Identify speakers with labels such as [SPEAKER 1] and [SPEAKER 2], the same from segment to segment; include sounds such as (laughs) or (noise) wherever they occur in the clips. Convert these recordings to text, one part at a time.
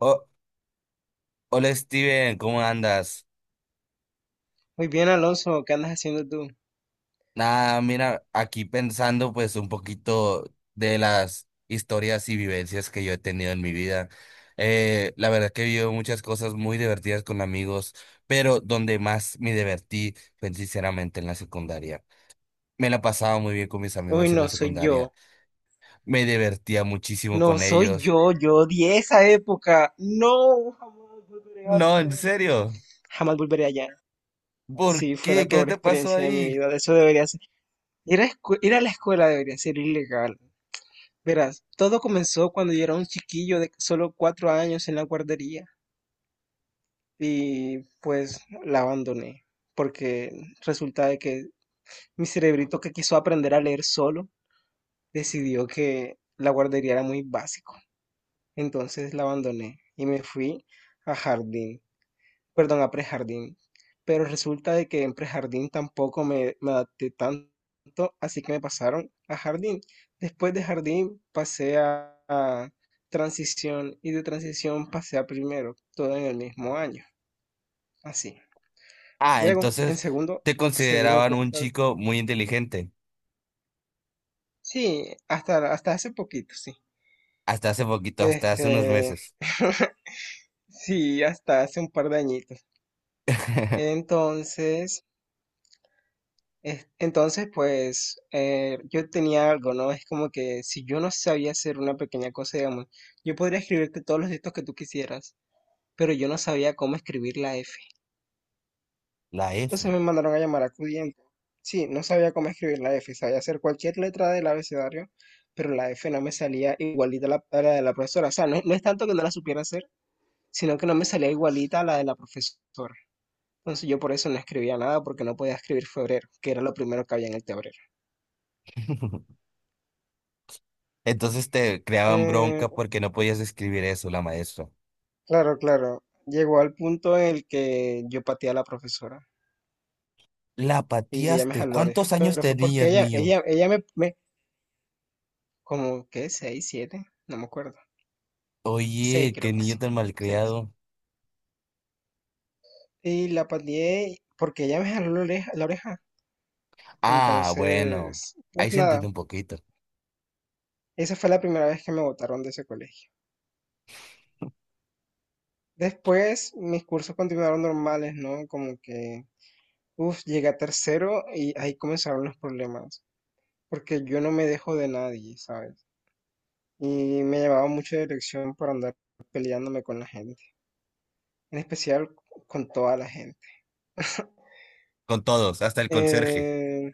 [SPEAKER 1] Oh, hola Steven, ¿cómo andas?
[SPEAKER 2] Muy bien, Alonso, ¿qué andas haciendo tú?
[SPEAKER 1] Nada, mira, aquí pensando pues un poquito de las historias y vivencias que yo he tenido en mi vida. La verdad que he vivido muchas cosas muy divertidas con amigos, pero donde más me divertí fue sinceramente en la secundaria. Me la pasaba muy bien con mis
[SPEAKER 2] Uy,
[SPEAKER 1] amigos en la
[SPEAKER 2] no, soy
[SPEAKER 1] secundaria.
[SPEAKER 2] yo.
[SPEAKER 1] Me divertía muchísimo
[SPEAKER 2] No,
[SPEAKER 1] con
[SPEAKER 2] soy
[SPEAKER 1] ellos.
[SPEAKER 2] yo. Yo odié esa época. No, jamás volveré a
[SPEAKER 1] No,
[SPEAKER 2] hacer
[SPEAKER 1] en
[SPEAKER 2] eso.
[SPEAKER 1] serio.
[SPEAKER 2] Jamás volveré allá.
[SPEAKER 1] ¿Por
[SPEAKER 2] Sí, fue la
[SPEAKER 1] qué? ¿Qué
[SPEAKER 2] peor
[SPEAKER 1] te pasó
[SPEAKER 2] experiencia de mi
[SPEAKER 1] ahí?
[SPEAKER 2] vida. Eso debería ser. Ir a la escuela debería ser ilegal. Verás, todo comenzó cuando yo era un chiquillo de solo cuatro años en la guardería. Y pues la abandoné. Porque resulta de que mi cerebrito que quiso aprender a leer solo decidió que la guardería era muy básico. Entonces la abandoné y me fui a jardín, perdón, a prejardín. Pero resulta de que en prejardín tampoco me adapté tanto, así que me pasaron a jardín. Después de jardín pasé a transición y de transición pasé a primero, todo en el mismo año, así.
[SPEAKER 1] Ah,
[SPEAKER 2] Luego, en
[SPEAKER 1] entonces
[SPEAKER 2] segundo,
[SPEAKER 1] te
[SPEAKER 2] se dieron
[SPEAKER 1] consideraban un
[SPEAKER 2] cuenta,
[SPEAKER 1] chico muy inteligente.
[SPEAKER 2] sí, hasta hace poquito, sí.
[SPEAKER 1] Hasta hace poquito, hasta hace unos
[SPEAKER 2] Este,
[SPEAKER 1] meses.
[SPEAKER 2] (laughs) sí, hasta hace un par de añitos.
[SPEAKER 1] (laughs)
[SPEAKER 2] Entonces, Entonces, pues yo tenía algo, ¿no? Es como que si yo no sabía hacer una pequeña cosa, digamos, yo podría escribirte todos los textos que tú quisieras, pero yo no sabía cómo escribir la F.
[SPEAKER 1] La
[SPEAKER 2] Entonces
[SPEAKER 1] F.
[SPEAKER 2] me mandaron a llamar a Cudiente. Sí, no sabía cómo escribir la F, sabía hacer cualquier letra del abecedario, pero la F no me salía igualita a la de la profesora. O sea, no es tanto que no la supiera hacer, sino que no me salía igualita a la de la profesora. Entonces yo por eso no escribía nada, porque no podía escribir febrero, que era lo primero que había en el tablero.
[SPEAKER 1] (laughs) Entonces te creaban
[SPEAKER 2] Eh,
[SPEAKER 1] bronca porque no podías escribir eso, la maestra.
[SPEAKER 2] Claro, claro. Llegó al punto en el que yo pateé a la profesora
[SPEAKER 1] La
[SPEAKER 2] y ella me
[SPEAKER 1] pateaste.
[SPEAKER 2] jaló la oreja.
[SPEAKER 1] ¿Cuántos años
[SPEAKER 2] Pero fue porque
[SPEAKER 1] tenías,
[SPEAKER 2] ella,
[SPEAKER 1] niño?
[SPEAKER 2] ella, ella me, me, como, ¿qué? ¿Seis, siete? No me acuerdo. Seis,
[SPEAKER 1] Oye, qué
[SPEAKER 2] creo que
[SPEAKER 1] niño
[SPEAKER 2] sí.
[SPEAKER 1] tan
[SPEAKER 2] Seis.
[SPEAKER 1] malcriado.
[SPEAKER 2] Y la pateé porque ella me jaló la oreja, la oreja.
[SPEAKER 1] Ah, bueno.
[SPEAKER 2] Entonces, pues
[SPEAKER 1] Ahí se entiende
[SPEAKER 2] nada,
[SPEAKER 1] un poquito.
[SPEAKER 2] esa fue la primera vez que me botaron de ese colegio. Después, mis cursos continuaron normales, ¿no? Como que, uff, llegué a tercero y ahí comenzaron los problemas. Porque yo no me dejo de nadie, ¿sabes? Y me llamaba mucho la dirección para andar peleándome con la gente, en especial con toda la gente. (laughs)
[SPEAKER 1] Con todos, hasta el conserje.
[SPEAKER 2] Eh,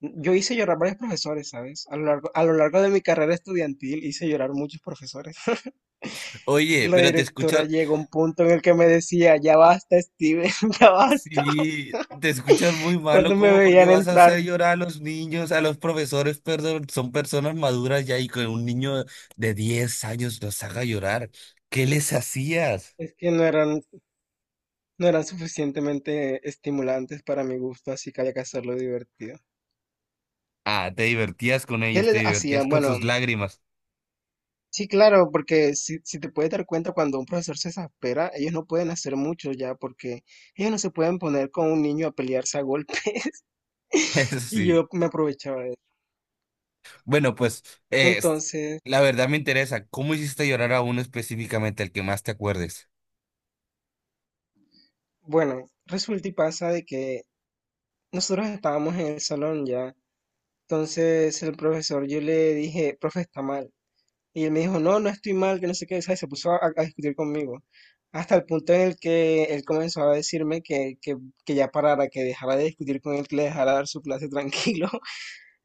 [SPEAKER 2] yo hice llorar varios profesores, ¿sabes? A lo largo de mi carrera estudiantil hice llorar muchos profesores. (laughs)
[SPEAKER 1] Oye,
[SPEAKER 2] La
[SPEAKER 1] pero te
[SPEAKER 2] directora
[SPEAKER 1] escucho.
[SPEAKER 2] llegó a un punto en el que me decía, ya basta, Steven, (laughs) ya basta.
[SPEAKER 1] Sí, te escuchas muy malo,
[SPEAKER 2] Cuando me
[SPEAKER 1] ¿cómo? Porque
[SPEAKER 2] veían
[SPEAKER 1] vas a hacer
[SPEAKER 2] entrar,
[SPEAKER 1] llorar a los niños, a los profesores, perdón, son personas maduras ya y que un niño de 10 años los haga llorar. ¿Qué les hacías?
[SPEAKER 2] es que no eran, no eran suficientemente estimulantes para mi gusto, así que había que hacerlo divertido.
[SPEAKER 1] Ah, te divertías con
[SPEAKER 2] ¿Qué
[SPEAKER 1] ellos, te
[SPEAKER 2] les hacía?
[SPEAKER 1] divertías con
[SPEAKER 2] Bueno,
[SPEAKER 1] sus lágrimas.
[SPEAKER 2] sí, claro, porque si te puedes dar cuenta, cuando un profesor se exaspera, ellos no pueden hacer mucho ya, porque ellos no se pueden poner con un niño a pelearse a golpe. (laughs)
[SPEAKER 1] (laughs) Eso
[SPEAKER 2] Y
[SPEAKER 1] sí.
[SPEAKER 2] yo me aprovechaba de eso.
[SPEAKER 1] Bueno, pues, es,
[SPEAKER 2] Entonces,
[SPEAKER 1] la verdad me interesa, ¿cómo hiciste llorar a uno específicamente, el que más te acuerdes?
[SPEAKER 2] bueno, resulta y pasa de que nosotros estábamos en el salón ya. Entonces el profesor, yo le dije, profe, está mal. Y él me dijo, no, no estoy mal, que no sé qué, ¿sabes? Se puso a discutir conmigo. Hasta el punto en el que él comenzó a decirme que ya parara, que dejara de discutir con él, que le dejara dar su clase (laughs) tranquilo.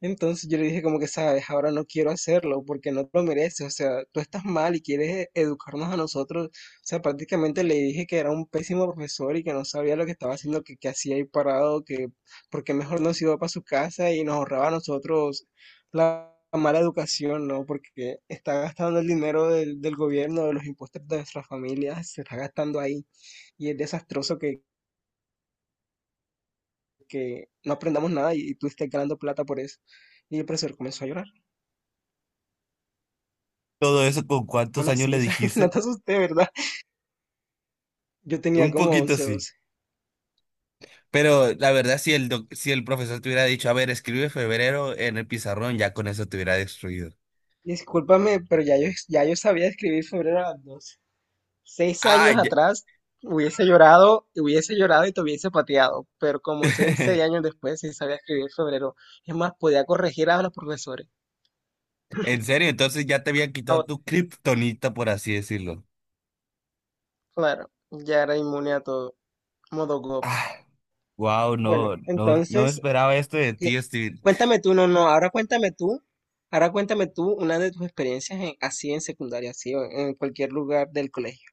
[SPEAKER 2] Entonces yo le dije como que, sabes, ahora no quiero hacerlo porque no te lo mereces, o sea, tú estás mal y quieres educarnos a nosotros. O sea, prácticamente le dije que era un pésimo profesor y que no sabía lo que estaba haciendo, que hacía ahí parado, que porque mejor no se iba para su casa y nos ahorraba a nosotros la mala educación, ¿no? Porque está gastando el dinero del gobierno, de los impuestos de nuestras familias, se está gastando ahí y es desastroso que no aprendamos nada y, y tú estés ganando plata por eso. Y el profesor comenzó a llorar.
[SPEAKER 1] ¿Todo eso con cuántos
[SPEAKER 2] Hola,
[SPEAKER 1] años
[SPEAKER 2] sí,
[SPEAKER 1] le
[SPEAKER 2] o sea, (laughs) no
[SPEAKER 1] dijiste?
[SPEAKER 2] te asusté, ¿verdad? Yo tenía
[SPEAKER 1] Un
[SPEAKER 2] como
[SPEAKER 1] poquito
[SPEAKER 2] once,
[SPEAKER 1] sí.
[SPEAKER 2] doce.
[SPEAKER 1] Pero la verdad, si el profesor te hubiera dicho, a ver, escribe febrero en el pizarrón, ya con eso te hubiera destruido.
[SPEAKER 2] Discúlpame, pero ya yo sabía escribir febrero a las 12. Seis
[SPEAKER 1] Ah,
[SPEAKER 2] años
[SPEAKER 1] ya-
[SPEAKER 2] atrás hubiese llorado y te hubiese pateado, pero como seis
[SPEAKER 1] (laughs)
[SPEAKER 2] años después sí sabía escribir febrero. Es más, podía corregir a los profesores.
[SPEAKER 1] en serio, entonces ya te había quitado
[SPEAKER 2] Ahora,
[SPEAKER 1] tu kriptonita, por así decirlo.
[SPEAKER 2] claro, ya era inmune a todo, modo go.
[SPEAKER 1] Ah, wow,
[SPEAKER 2] Bueno,
[SPEAKER 1] no, no, no me
[SPEAKER 2] entonces,
[SPEAKER 1] esperaba esto de
[SPEAKER 2] y-
[SPEAKER 1] ti, Steve.
[SPEAKER 2] cuéntame tú, no, no, ahora cuéntame tú. Ahora cuéntame tú una de tus experiencias así en secundaria, así o en cualquier lugar del colegio.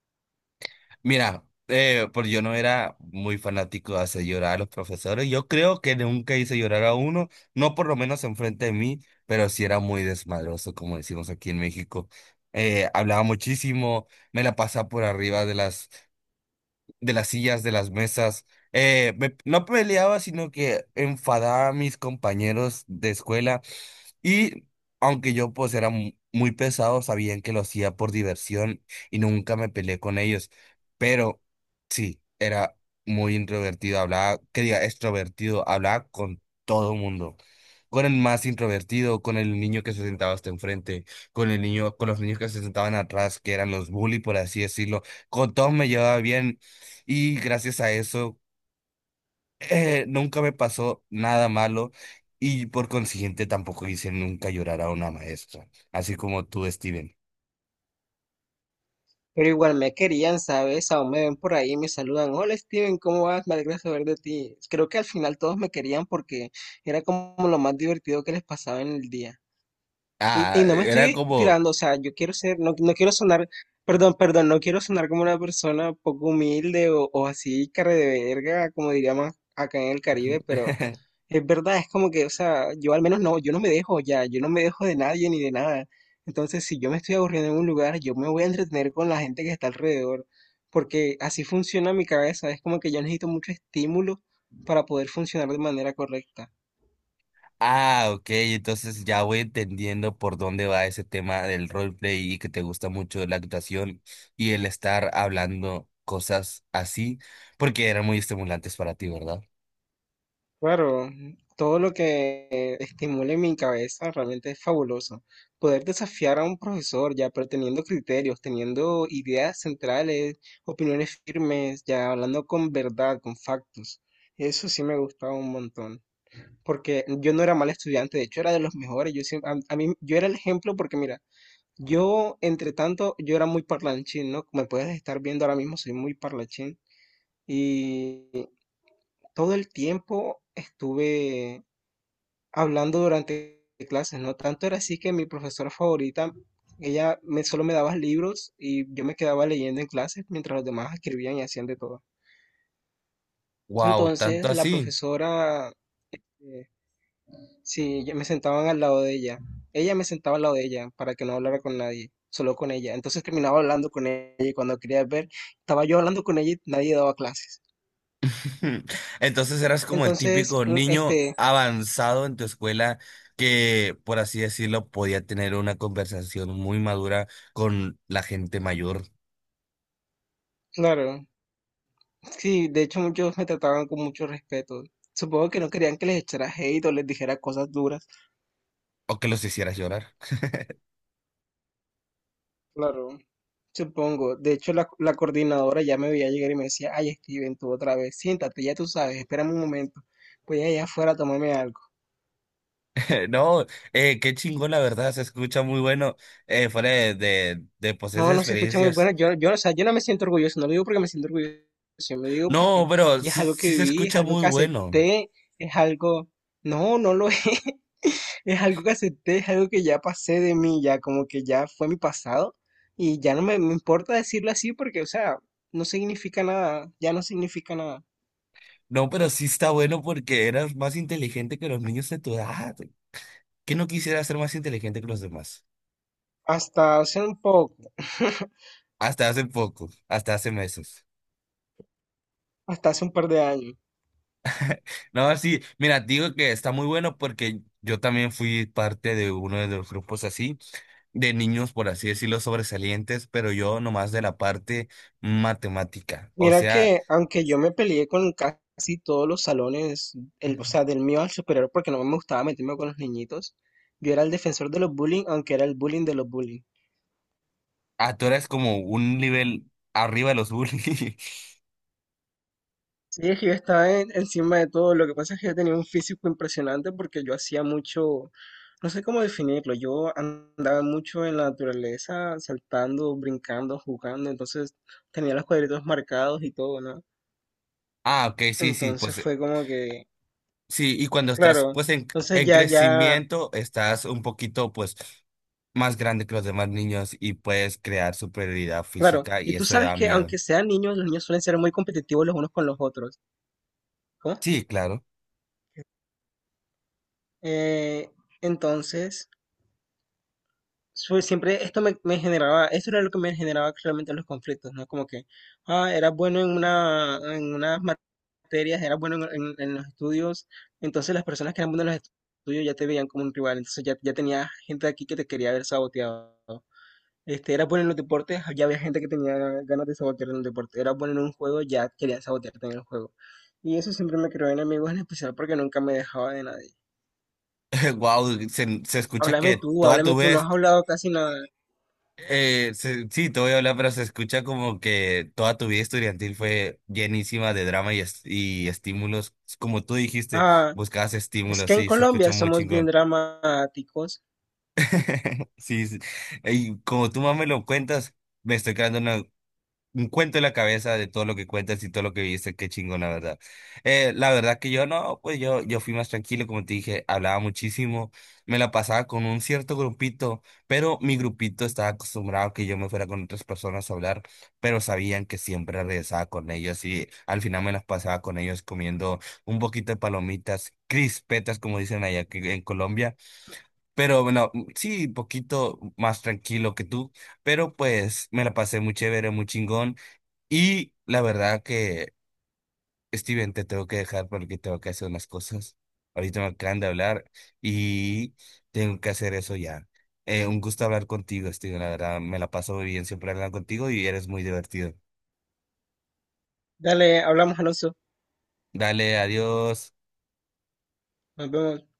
[SPEAKER 1] Mira, pues yo no era muy fanático de hacer llorar a los profesores. Yo creo que nunca hice llorar a uno, no por lo menos enfrente de mí, pero sí era muy desmadroso, como decimos aquí en México. Hablaba muchísimo, me la pasaba por arriba de las sillas, de las mesas. No peleaba, sino que enfadaba a mis compañeros de escuela y aunque yo pues era muy pesado, sabían que lo hacía por diversión y nunca me peleé con ellos. Pero sí, era muy introvertido, hablaba, que diga, extrovertido, hablaba con todo el mundo. Con el más introvertido, con el niño que se sentaba hasta enfrente, con el niño, con los niños que se sentaban atrás, que eran los bully, por así decirlo. Con todos me llevaba bien y gracias a eso nunca me pasó nada malo y por consiguiente tampoco hice nunca llorar a una maestra, así como tú, Steven.
[SPEAKER 2] Pero igual me querían, ¿sabes? Aún me ven por ahí y me saludan. Hola Steven, ¿cómo vas? Me alegra saber de ti. Creo que al final todos me querían porque era como lo más divertido que les pasaba en el día.
[SPEAKER 1] Ah,
[SPEAKER 2] Y no me
[SPEAKER 1] era
[SPEAKER 2] estoy
[SPEAKER 1] como...
[SPEAKER 2] tirando, o sea, yo quiero ser, no, no quiero sonar, perdón, perdón, no quiero sonar como una persona poco humilde o así, cara de verga, como diríamos acá en el Caribe, pero
[SPEAKER 1] (laughs)
[SPEAKER 2] es verdad, es como que, o sea, yo al menos no, yo no me dejo de nadie ni de nada. Entonces, si yo me estoy aburriendo en un lugar, yo me voy a entretener con la gente que está alrededor, porque así funciona mi cabeza, es como que yo necesito mucho estímulo para poder funcionar de manera correcta.
[SPEAKER 1] Ah, ok, entonces ya voy entendiendo por dónde va ese tema del roleplay y que te gusta mucho la actuación y el estar hablando cosas así, porque eran muy estimulantes para ti, ¿verdad?
[SPEAKER 2] Claro, todo lo que estimule mi cabeza realmente es fabuloso. Poder desafiar a un profesor ya, pero teniendo criterios, teniendo ideas centrales, opiniones firmes, ya hablando con verdad, con factos. Eso sí me gustaba un montón, porque yo no era mal estudiante, de hecho era de los mejores. Yo siempre, a mí, yo era el ejemplo porque mira, yo entre tanto, yo era muy parlanchín, ¿no? Como puedes estar viendo ahora mismo, soy muy parlanchín. Y todo el tiempo estuve hablando durante clases, ¿no? Tanto era así que mi profesora favorita, solo me daba libros y yo me quedaba leyendo en clases mientras los demás escribían y hacían de todo.
[SPEAKER 1] Wow, tanto
[SPEAKER 2] Entonces, la
[SPEAKER 1] así.
[SPEAKER 2] profesora, eh, sí, yo me sentaban al lado de ella. Ella me sentaba al lado de ella para que no hablara con nadie, solo con ella. Entonces terminaba hablando con ella y cuando quería ver, estaba yo hablando con ella y nadie daba clases.
[SPEAKER 1] (laughs) Entonces eras como el
[SPEAKER 2] Entonces,
[SPEAKER 1] típico
[SPEAKER 2] un-
[SPEAKER 1] niño
[SPEAKER 2] este,
[SPEAKER 1] avanzado en tu escuela que, por así decirlo, podía tener una conversación muy madura con la gente mayor
[SPEAKER 2] claro, sí, de hecho muchos me trataban con mucho respeto. Supongo que no querían que les echara hate o les dijera cosas duras.
[SPEAKER 1] o que los hicieras llorar. (laughs)
[SPEAKER 2] Claro. Supongo. De hecho, la coordinadora ya me veía llegar y me decía, ay, Steven, tú otra vez, siéntate, ya tú sabes, espérame un momento. Voy allá afuera a tomarme algo.
[SPEAKER 1] No, qué chingón, la verdad, se escucha muy bueno, fuera de, pues
[SPEAKER 2] No,
[SPEAKER 1] esas
[SPEAKER 2] no se escucha muy
[SPEAKER 1] experiencias.
[SPEAKER 2] bueno. Yo, o sea, yo no me siento orgulloso, no lo digo porque me siento orgulloso, yo me digo
[SPEAKER 1] No,
[SPEAKER 2] porque
[SPEAKER 1] pero
[SPEAKER 2] ya es
[SPEAKER 1] sí,
[SPEAKER 2] algo que
[SPEAKER 1] sí se
[SPEAKER 2] viví, es
[SPEAKER 1] escucha
[SPEAKER 2] algo
[SPEAKER 1] muy
[SPEAKER 2] que
[SPEAKER 1] bueno.
[SPEAKER 2] acepté, es algo... No, no lo (laughs) es. Es algo que acepté, es algo que ya pasé de mí, ya como que ya fue mi pasado y ya no me importa decirlo así porque, o sea, no significa nada, ya no significa nada.
[SPEAKER 1] No, pero sí está bueno porque eras más inteligente que los niños de tu edad. ¿Qué no quisieras ser más inteligente que los demás?
[SPEAKER 2] Hasta hace un poco, (laughs)
[SPEAKER 1] Hasta hace poco, hasta hace meses.
[SPEAKER 2] hasta hace un par de años.
[SPEAKER 1] No, sí, mira, digo que está muy bueno porque yo también fui parte de uno de los grupos así, de niños, por así decirlo, sobresalientes, pero yo nomás de la parte matemática. O
[SPEAKER 2] Mira
[SPEAKER 1] sea,
[SPEAKER 2] que aunque yo me peleé con casi todos los salones, el, o sea, del mío al superior porque no me gustaba meterme con los niñitos, yo era el defensor de los bullying, aunque era el bullying de los bullying.
[SPEAKER 1] ah, tú eres como un nivel arriba de los bullies. (laughs)
[SPEAKER 2] Sí, es que yo encima de todo. Lo que pasa es que yo tenía un físico impresionante porque yo hacía mucho, no sé cómo definirlo, yo andaba mucho en la naturaleza, saltando, brincando, jugando, entonces tenía los cuadritos marcados y todo, ¿no?
[SPEAKER 1] Ah, ok, sí, sí,
[SPEAKER 2] Entonces
[SPEAKER 1] pues
[SPEAKER 2] fue como que,
[SPEAKER 1] sí, y cuando estás
[SPEAKER 2] claro,
[SPEAKER 1] pues
[SPEAKER 2] entonces
[SPEAKER 1] en
[SPEAKER 2] ya,
[SPEAKER 1] crecimiento, estás un poquito pues más grande que los demás niños y puedes crear superioridad
[SPEAKER 2] claro.
[SPEAKER 1] física
[SPEAKER 2] Y
[SPEAKER 1] y
[SPEAKER 2] tú
[SPEAKER 1] eso
[SPEAKER 2] sabes
[SPEAKER 1] da
[SPEAKER 2] que
[SPEAKER 1] miedo.
[SPEAKER 2] aunque sean niños, los niños suelen ser muy competitivos los unos con los otros. ¿Cómo?
[SPEAKER 1] Sí, claro.
[SPEAKER 2] Eh, entonces, Fue siempre esto me generaba, eso era lo que me generaba realmente los conflictos, ¿no? Como que, ah, era bueno en unas materias, era bueno en los estudios, entonces las personas que eran buenas en los estudios ya te veían como un rival, entonces ya tenía gente aquí que te quería haber saboteado. Era bueno en los deportes, ya había gente que tenía ganas de sabotear en el deporte, era bueno en un juego, ya quería sabotearte en el juego. Y eso siempre me creó enemigos, en especial porque nunca me dejaba de nadie.
[SPEAKER 1] (laughs) Wow, se escucha
[SPEAKER 2] Háblame
[SPEAKER 1] que
[SPEAKER 2] tú,
[SPEAKER 1] toda
[SPEAKER 2] háblame
[SPEAKER 1] tu
[SPEAKER 2] tú, no
[SPEAKER 1] vez,
[SPEAKER 2] has hablado casi nada.
[SPEAKER 1] sí, te voy a hablar, pero se escucha como que toda tu vida estudiantil fue llenísima de drama y, y estímulos. Como tú dijiste,
[SPEAKER 2] Ah.
[SPEAKER 1] buscabas
[SPEAKER 2] Es
[SPEAKER 1] estímulos,
[SPEAKER 2] que en
[SPEAKER 1] sí, se escucha
[SPEAKER 2] Colombia
[SPEAKER 1] muy
[SPEAKER 2] somos bien
[SPEAKER 1] chingón.
[SPEAKER 2] dramáticos.
[SPEAKER 1] (laughs) Sí, sí. Y como tú más me lo cuentas, me estoy quedando un cuento en la cabeza de todo lo que cuentas y todo lo que viste, qué chingón, la verdad. La verdad que yo no, pues yo fui más tranquilo, como te dije, hablaba muchísimo, me la pasaba con un cierto grupito, pero mi grupito estaba acostumbrado a que yo me fuera con otras personas a hablar, pero sabían que siempre regresaba con ellos y al final me las pasaba con ellos comiendo un poquito de palomitas, crispetas, como dicen allá en Colombia, pero bueno, sí, poquito más tranquilo que tú, pero pues me la pasé muy chévere, muy chingón. Y la verdad que, Steven, te tengo que dejar porque tengo que hacer unas cosas. Ahorita me acaban de hablar y tengo que hacer eso ya. Un gusto hablar contigo, Steven. La verdad, me la paso muy bien siempre hablando contigo y eres muy divertido.
[SPEAKER 2] Dale, hablamos, Alonso.
[SPEAKER 1] Dale, adiós.
[SPEAKER 2] Nos vemos.